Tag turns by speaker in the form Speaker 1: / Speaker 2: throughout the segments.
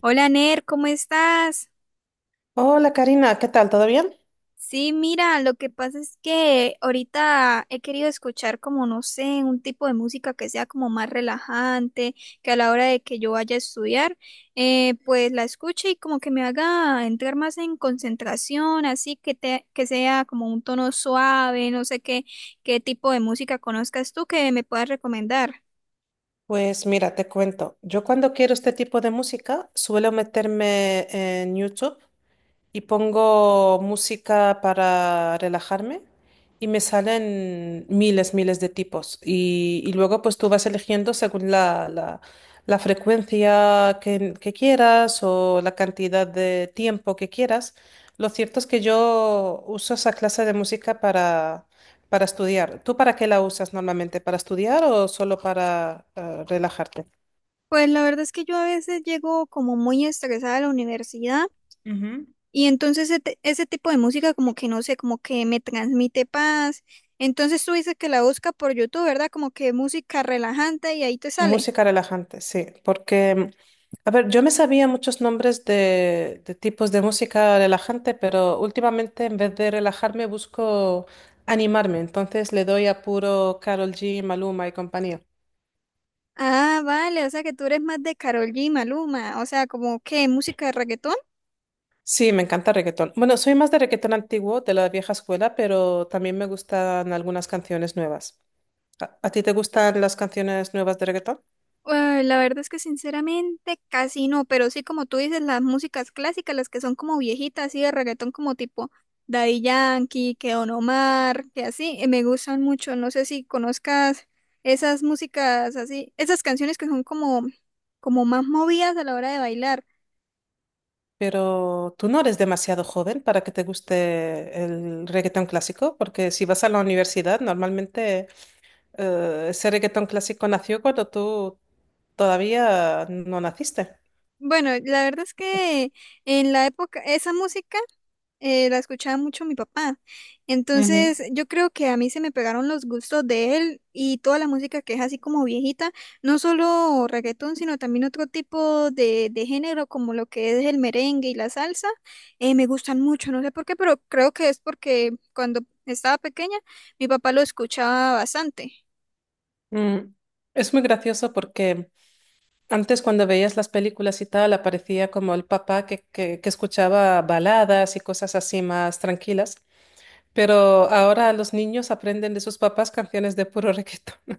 Speaker 1: Hola Ner, ¿cómo estás?
Speaker 2: Hola Karina, ¿qué tal? ¿Todo bien?
Speaker 1: Sí, mira, lo que pasa es que ahorita he querido escuchar como, no sé, un tipo de música que sea como más relajante, que a la hora de que yo vaya a estudiar, pues la escuche y como que me haga entrar más en concentración, así que, te, que sea como un tono suave, no sé qué, qué tipo de música conozcas tú que me puedas recomendar.
Speaker 2: Pues mira, te cuento. Yo cuando quiero este tipo de música suelo meterme en YouTube y pongo música para relajarme y me salen miles, miles de tipos. Y luego pues tú vas eligiendo según la frecuencia que quieras o la cantidad de tiempo que quieras. Lo cierto es que yo uso esa clase de música para estudiar. ¿Tú para qué la usas normalmente? ¿Para estudiar o solo para relajarte?
Speaker 1: Pues la verdad es que yo a veces llego como muy estresada a la universidad.
Speaker 2: Ujú.
Speaker 1: Y entonces ese tipo de música como que no sé, como que me transmite paz. Entonces tú dices que la busca por YouTube, ¿verdad? Como que música relajante y ahí te sale.
Speaker 2: Música relajante, sí, porque a ver, yo me sabía muchos nombres de tipos de música relajante, pero últimamente en vez de relajarme busco animarme, entonces le doy a puro Karol G, Maluma y compañía.
Speaker 1: Ah, vale, o sea que tú eres más de Karol G, Maluma, o sea, como que música de reggaetón.
Speaker 2: Sí, me encanta reggaetón. Bueno, soy más de reggaetón antiguo, de la vieja escuela, pero también me gustan algunas canciones nuevas. ¿A ti te gustan las canciones nuevas de reggaetón?
Speaker 1: Ay, la verdad es que sinceramente casi no, pero sí como tú dices, las músicas clásicas, las que son como viejitas, así de reggaetón como tipo Daddy Yankee, que Don Omar, que así, me gustan mucho. No sé si conozcas esas músicas así, esas canciones que son como, como más movidas a la hora de bailar.
Speaker 2: Pero tú no eres demasiado joven para que te guste el reggaetón clásico, porque si vas a la universidad, normalmente ese reggaetón clásico nació cuando tú todavía no naciste.
Speaker 1: Bueno, la verdad es que en la época, esa música la escuchaba mucho mi papá.
Speaker 2: Ujú.
Speaker 1: Entonces, yo creo que a mí se me pegaron los gustos de él y toda la música que es así como viejita, no solo reggaetón, sino también otro tipo de género como lo que es el merengue y la salsa, me gustan mucho, no sé por qué, pero creo que es porque cuando estaba pequeña mi papá lo escuchaba bastante.
Speaker 2: Mm. Es muy gracioso porque antes cuando veías las películas y tal, aparecía como el papá que escuchaba baladas y cosas así más tranquilas, pero ahora los niños aprenden de sus papás canciones de puro reggaetón.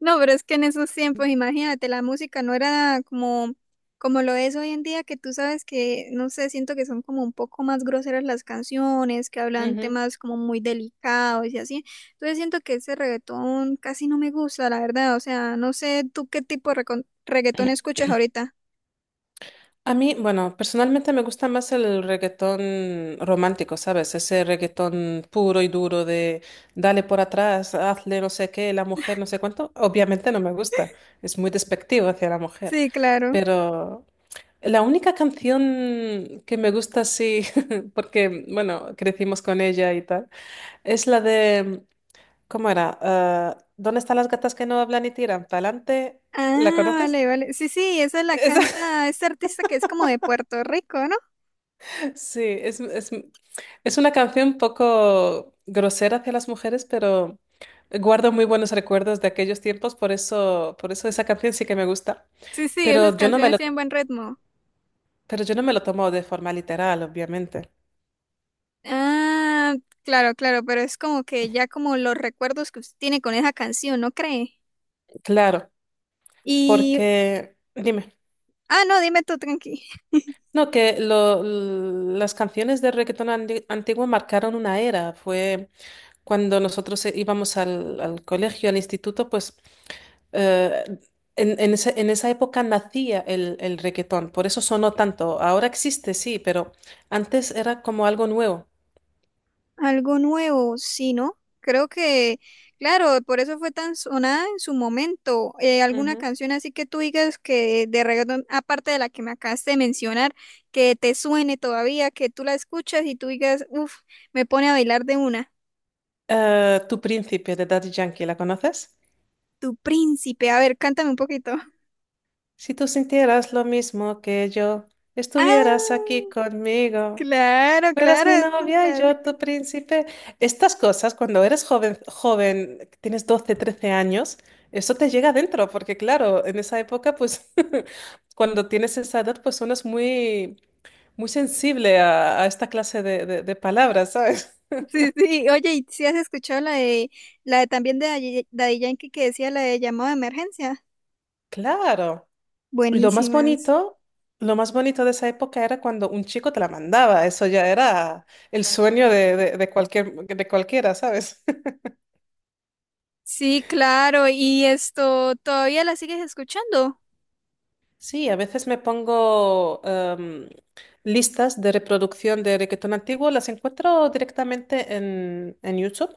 Speaker 1: No, pero es que en esos tiempos, imagínate, la música no era como, como lo es hoy en día, que tú sabes que, no sé, siento que son como un poco más groseras las canciones, que hablan temas como muy delicados y así. Entonces siento que ese reggaetón casi no me gusta, la verdad. O sea, no sé tú qué tipo de reggaetón escuchas ahorita.
Speaker 2: A mí, bueno, personalmente me gusta más el reggaetón romántico, ¿sabes? Ese reggaetón puro y duro de dale por atrás, hazle no sé qué, la mujer no sé cuánto. Obviamente no me gusta, es muy despectivo hacia la mujer.
Speaker 1: Sí, claro.
Speaker 2: Pero la única canción que me gusta así, porque, bueno, crecimos con ella y tal, es la de ¿cómo era? Ah, ¿dónde están las gatas que no hablan y tiran? ¿Pa'lante? ¿La
Speaker 1: Ah,
Speaker 2: conoces?
Speaker 1: vale, vale. Sí, sí, esa la canta este artista que es como de Puerto Rico, ¿no?
Speaker 2: Sí, es una canción un poco grosera hacia las mujeres, pero guardo muy buenos recuerdos de aquellos tiempos, por eso esa canción sí que me gusta.
Speaker 1: Sí, sí, esas
Speaker 2: Pero yo no me
Speaker 1: canciones
Speaker 2: lo,
Speaker 1: tienen buen ritmo.
Speaker 2: pero yo no me lo tomo de forma literal, obviamente.
Speaker 1: Ah, claro, claro, pero es como que ya como los recuerdos que usted tiene con esa canción, ¿no cree?
Speaker 2: Claro,
Speaker 1: Y,
Speaker 2: porque, dime,
Speaker 1: ah, no, dime tú, tranqui.
Speaker 2: no, las canciones de reggaetón antiguo marcaron una era. Fue cuando nosotros íbamos al colegio, al instituto, pues Eh, en, en esa época nacía el reggaetón, por eso sonó tanto. Ahora existe, sí, pero antes era como algo nuevo.
Speaker 1: Algo nuevo, sí, ¿no? Creo que, claro, por eso fue tan sonada en su momento. Alguna
Speaker 2: Ujú.
Speaker 1: canción así que tú digas que de reggaetón, aparte de la que me acabaste de mencionar, que te suene todavía, que tú la escuchas y tú digas, uff, me pone a bailar de una.
Speaker 2: Tu príncipe de Daddy Yankee, ¿la conoces?
Speaker 1: Tu príncipe, a ver, cántame un poquito.
Speaker 2: Si tú sintieras lo mismo que yo, estuvieras aquí
Speaker 1: Ah.
Speaker 2: conmigo,
Speaker 1: Claro,
Speaker 2: fueras
Speaker 1: claro,
Speaker 2: mi
Speaker 1: es un
Speaker 2: novia y yo
Speaker 1: clásico.
Speaker 2: tu príncipe. Estas cosas, cuando eres joven, joven, tienes 12 13 años, eso te llega adentro, porque claro, en esa época, pues cuando tienes esa edad, pues uno es muy sensible a esta clase de palabras, ¿sabes?
Speaker 1: Sí, sí. Oye, ¿y si has escuchado la de también de Daddy Yankee que decía la de llamado de emergencia?
Speaker 2: Claro. Y
Speaker 1: Buenísimas.
Speaker 2: lo más bonito de esa época era cuando un chico te la mandaba. Eso ya era el sueño de de cualquiera, ¿sabes?
Speaker 1: Sí, claro, y esto, ¿todavía la sigues escuchando?
Speaker 2: Sí, a veces me pongo listas de reproducción de reggaetón antiguo, las encuentro directamente en YouTube.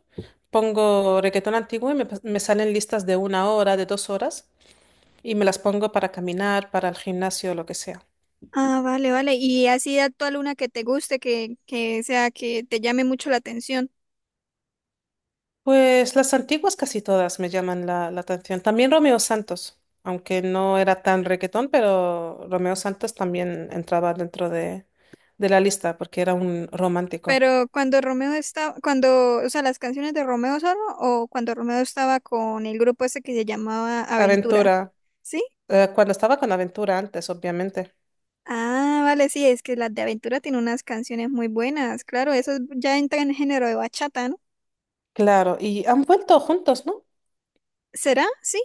Speaker 2: Pongo reggaetón antiguo y me salen listas de 1 hora, de 2 horas, y me las pongo para caminar, para el gimnasio, lo que sea.
Speaker 1: Ah, vale, vale. Y así actual una que te guste, que sea que te llame mucho la atención.
Speaker 2: Pues las antiguas casi todas me llaman la atención. También Romeo Santos, aunque no era tan reggaetón, pero Romeo Santos también entraba dentro de la lista porque era un romántico.
Speaker 1: Pero cuando Romeo estaba, cuando, o sea, las canciones de Romeo solo o cuando Romeo estaba con el grupo ese que se llamaba Aventura,
Speaker 2: Aventura,
Speaker 1: ¿sí?
Speaker 2: cuando estaba con Aventura antes, obviamente.
Speaker 1: Ah, vale, sí, es que las de Aventura tienen unas canciones muy buenas. Claro, eso es- ya entra en el género de bachata, ¿no?
Speaker 2: Claro, y han vuelto juntos, ¿no?
Speaker 1: ¿Será? Sí.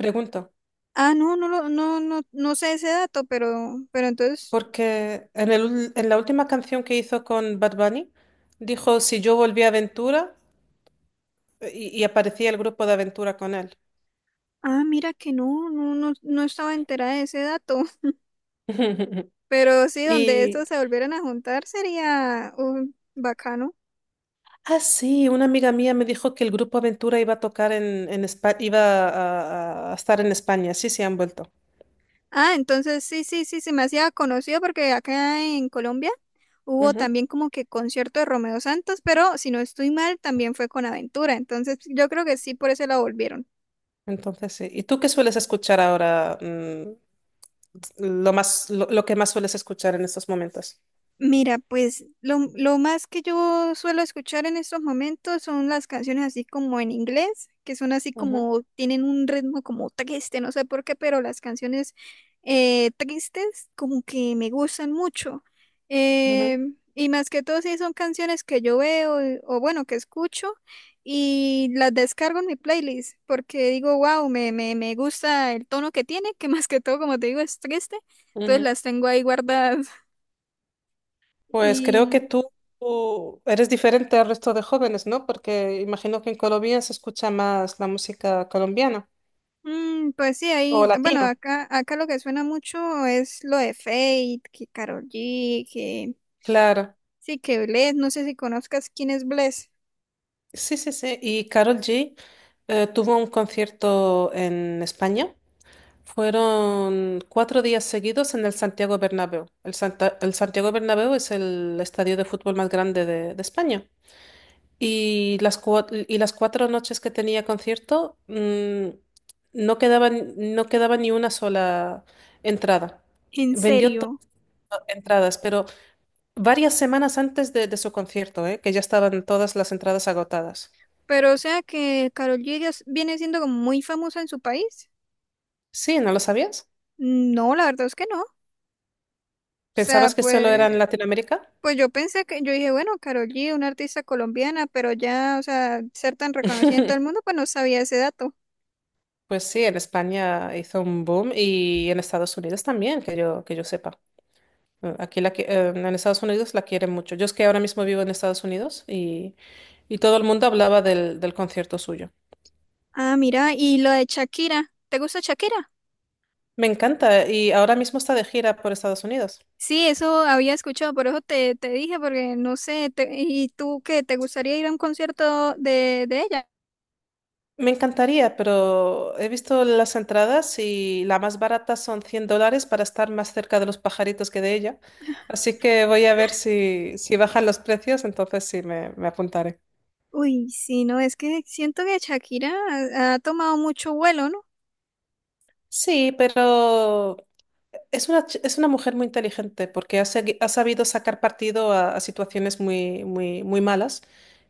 Speaker 2: Pregunto,
Speaker 1: Ah, no, no, no, no, no sé ese dato, pero entonces,
Speaker 2: porque en en la última canción que hizo con Bad Bunny, dijo, si yo volví a Aventura, y aparecía el grupo de Aventura con él.
Speaker 1: ah, mira que no, no, no, no estaba enterada de ese dato. Pero sí, donde
Speaker 2: Y
Speaker 1: estos se volvieran a juntar sería bacano.
Speaker 2: ah, sí, una amiga mía me dijo que el grupo Aventura iba a tocar en, a estar en España. Sí, sí, han vuelto.
Speaker 1: Ah, entonces sí, sí, sí, se me hacía conocido porque acá en Colombia hubo
Speaker 2: Ujú.
Speaker 1: también como que concierto de Romeo Santos, pero si no estoy mal, también fue con Aventura. Entonces yo creo que sí, por eso la volvieron.
Speaker 2: Entonces, sí. ¿Y tú qué sueles escuchar ahora? Mm, lo más, lo que más sueles escuchar en estos momentos.
Speaker 1: Mira, pues lo más que yo suelo escuchar en estos momentos son las canciones así como en inglés, que son así
Speaker 2: Ujú,
Speaker 1: como, tienen un ritmo como triste, no sé por qué, pero las canciones tristes como que me gustan mucho. Eh, y más que todo, sí son canciones que yo veo o bueno, que escucho y las descargo en mi playlist porque digo, wow, me gusta el tono que tiene, que más que todo, como te digo, es triste.
Speaker 2: ujú,
Speaker 1: Entonces
Speaker 2: ujú.
Speaker 1: las tengo ahí guardadas.
Speaker 2: Pues creo que
Speaker 1: Y
Speaker 2: tú eres diferente al resto de jóvenes, ¿no? Porque imagino que en Colombia se escucha más la música colombiana
Speaker 1: mm, pues sí, ahí,
Speaker 2: o
Speaker 1: bueno,
Speaker 2: latina.
Speaker 1: acá, acá lo que suena mucho es lo de Fate, que Karol G, que
Speaker 2: Claro.
Speaker 1: sí, que Bless, no sé si conozcas quién es Bless,
Speaker 2: Sí, sí, sí. Y Karol G tuvo un concierto en España. Fueron 4 días seguidos en el Santiago Bernabéu. El Santiago Bernabéu es el estadio de fútbol más grande de España. Y y las 4 noches que tenía concierto, mm, no quedaba, no quedaba ni una sola entrada.
Speaker 1: en
Speaker 2: Vendió todas
Speaker 1: serio.
Speaker 2: las entradas, pero varias semanas antes de su concierto, ¿eh? Que ya estaban todas las entradas agotadas.
Speaker 1: Pero o sea que Karol G ya s- viene siendo como muy famosa en su país.
Speaker 2: Sí, ¿no lo sabías?
Speaker 1: No, la verdad es que no. O sea,
Speaker 2: ¿Pensabas que solo era en
Speaker 1: pues,
Speaker 2: Latinoamérica?
Speaker 1: pues yo pensé que, yo dije, bueno, Karol G, una artista colombiana, pero ya, o sea, ser tan reconocida en todo el mundo, pues no sabía ese dato.
Speaker 2: Pues sí, en España hizo un boom y en Estados Unidos también, que yo sepa. En Estados Unidos la quieren mucho. Yo es que ahora mismo vivo en Estados Unidos y todo el mundo hablaba del concierto suyo.
Speaker 1: Ah, mira, y lo de Shakira, ¿te gusta Shakira?
Speaker 2: Me encanta y ahora mismo está de gira por Estados Unidos.
Speaker 1: Sí, eso había escuchado, por eso te, te dije, porque no sé, te- ¿y tú qué? ¿Te gustaría ir a un concierto de ella?
Speaker 2: Me encantaría, pero he visto las entradas y la más barata son $100 para estar más cerca de los pajaritos que de ella. Así que voy a ver si bajan los precios, entonces sí me apuntaré.
Speaker 1: Uy, sí, no, es que siento que Shakira ha, ha tomado mucho vuelo, ¿no?
Speaker 2: Sí, pero es es una mujer muy inteligente porque ha sabido sacar partido a situaciones muy malas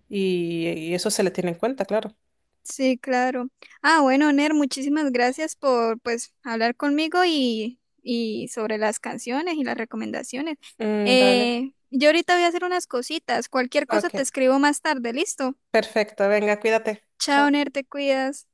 Speaker 2: y eso se le tiene en cuenta, claro.
Speaker 1: Sí, claro. Ah, bueno, Ner, muchísimas gracias por, pues, hablar conmigo y sobre las canciones y las recomendaciones.
Speaker 2: Mm, vale.
Speaker 1: Yo ahorita voy a hacer unas cositas, cualquier cosa
Speaker 2: Ok,
Speaker 1: te escribo más tarde, ¿listo?
Speaker 2: perfecto. Venga, cuídate.
Speaker 1: Chao,
Speaker 2: Chao.
Speaker 1: Ner, te cuidas.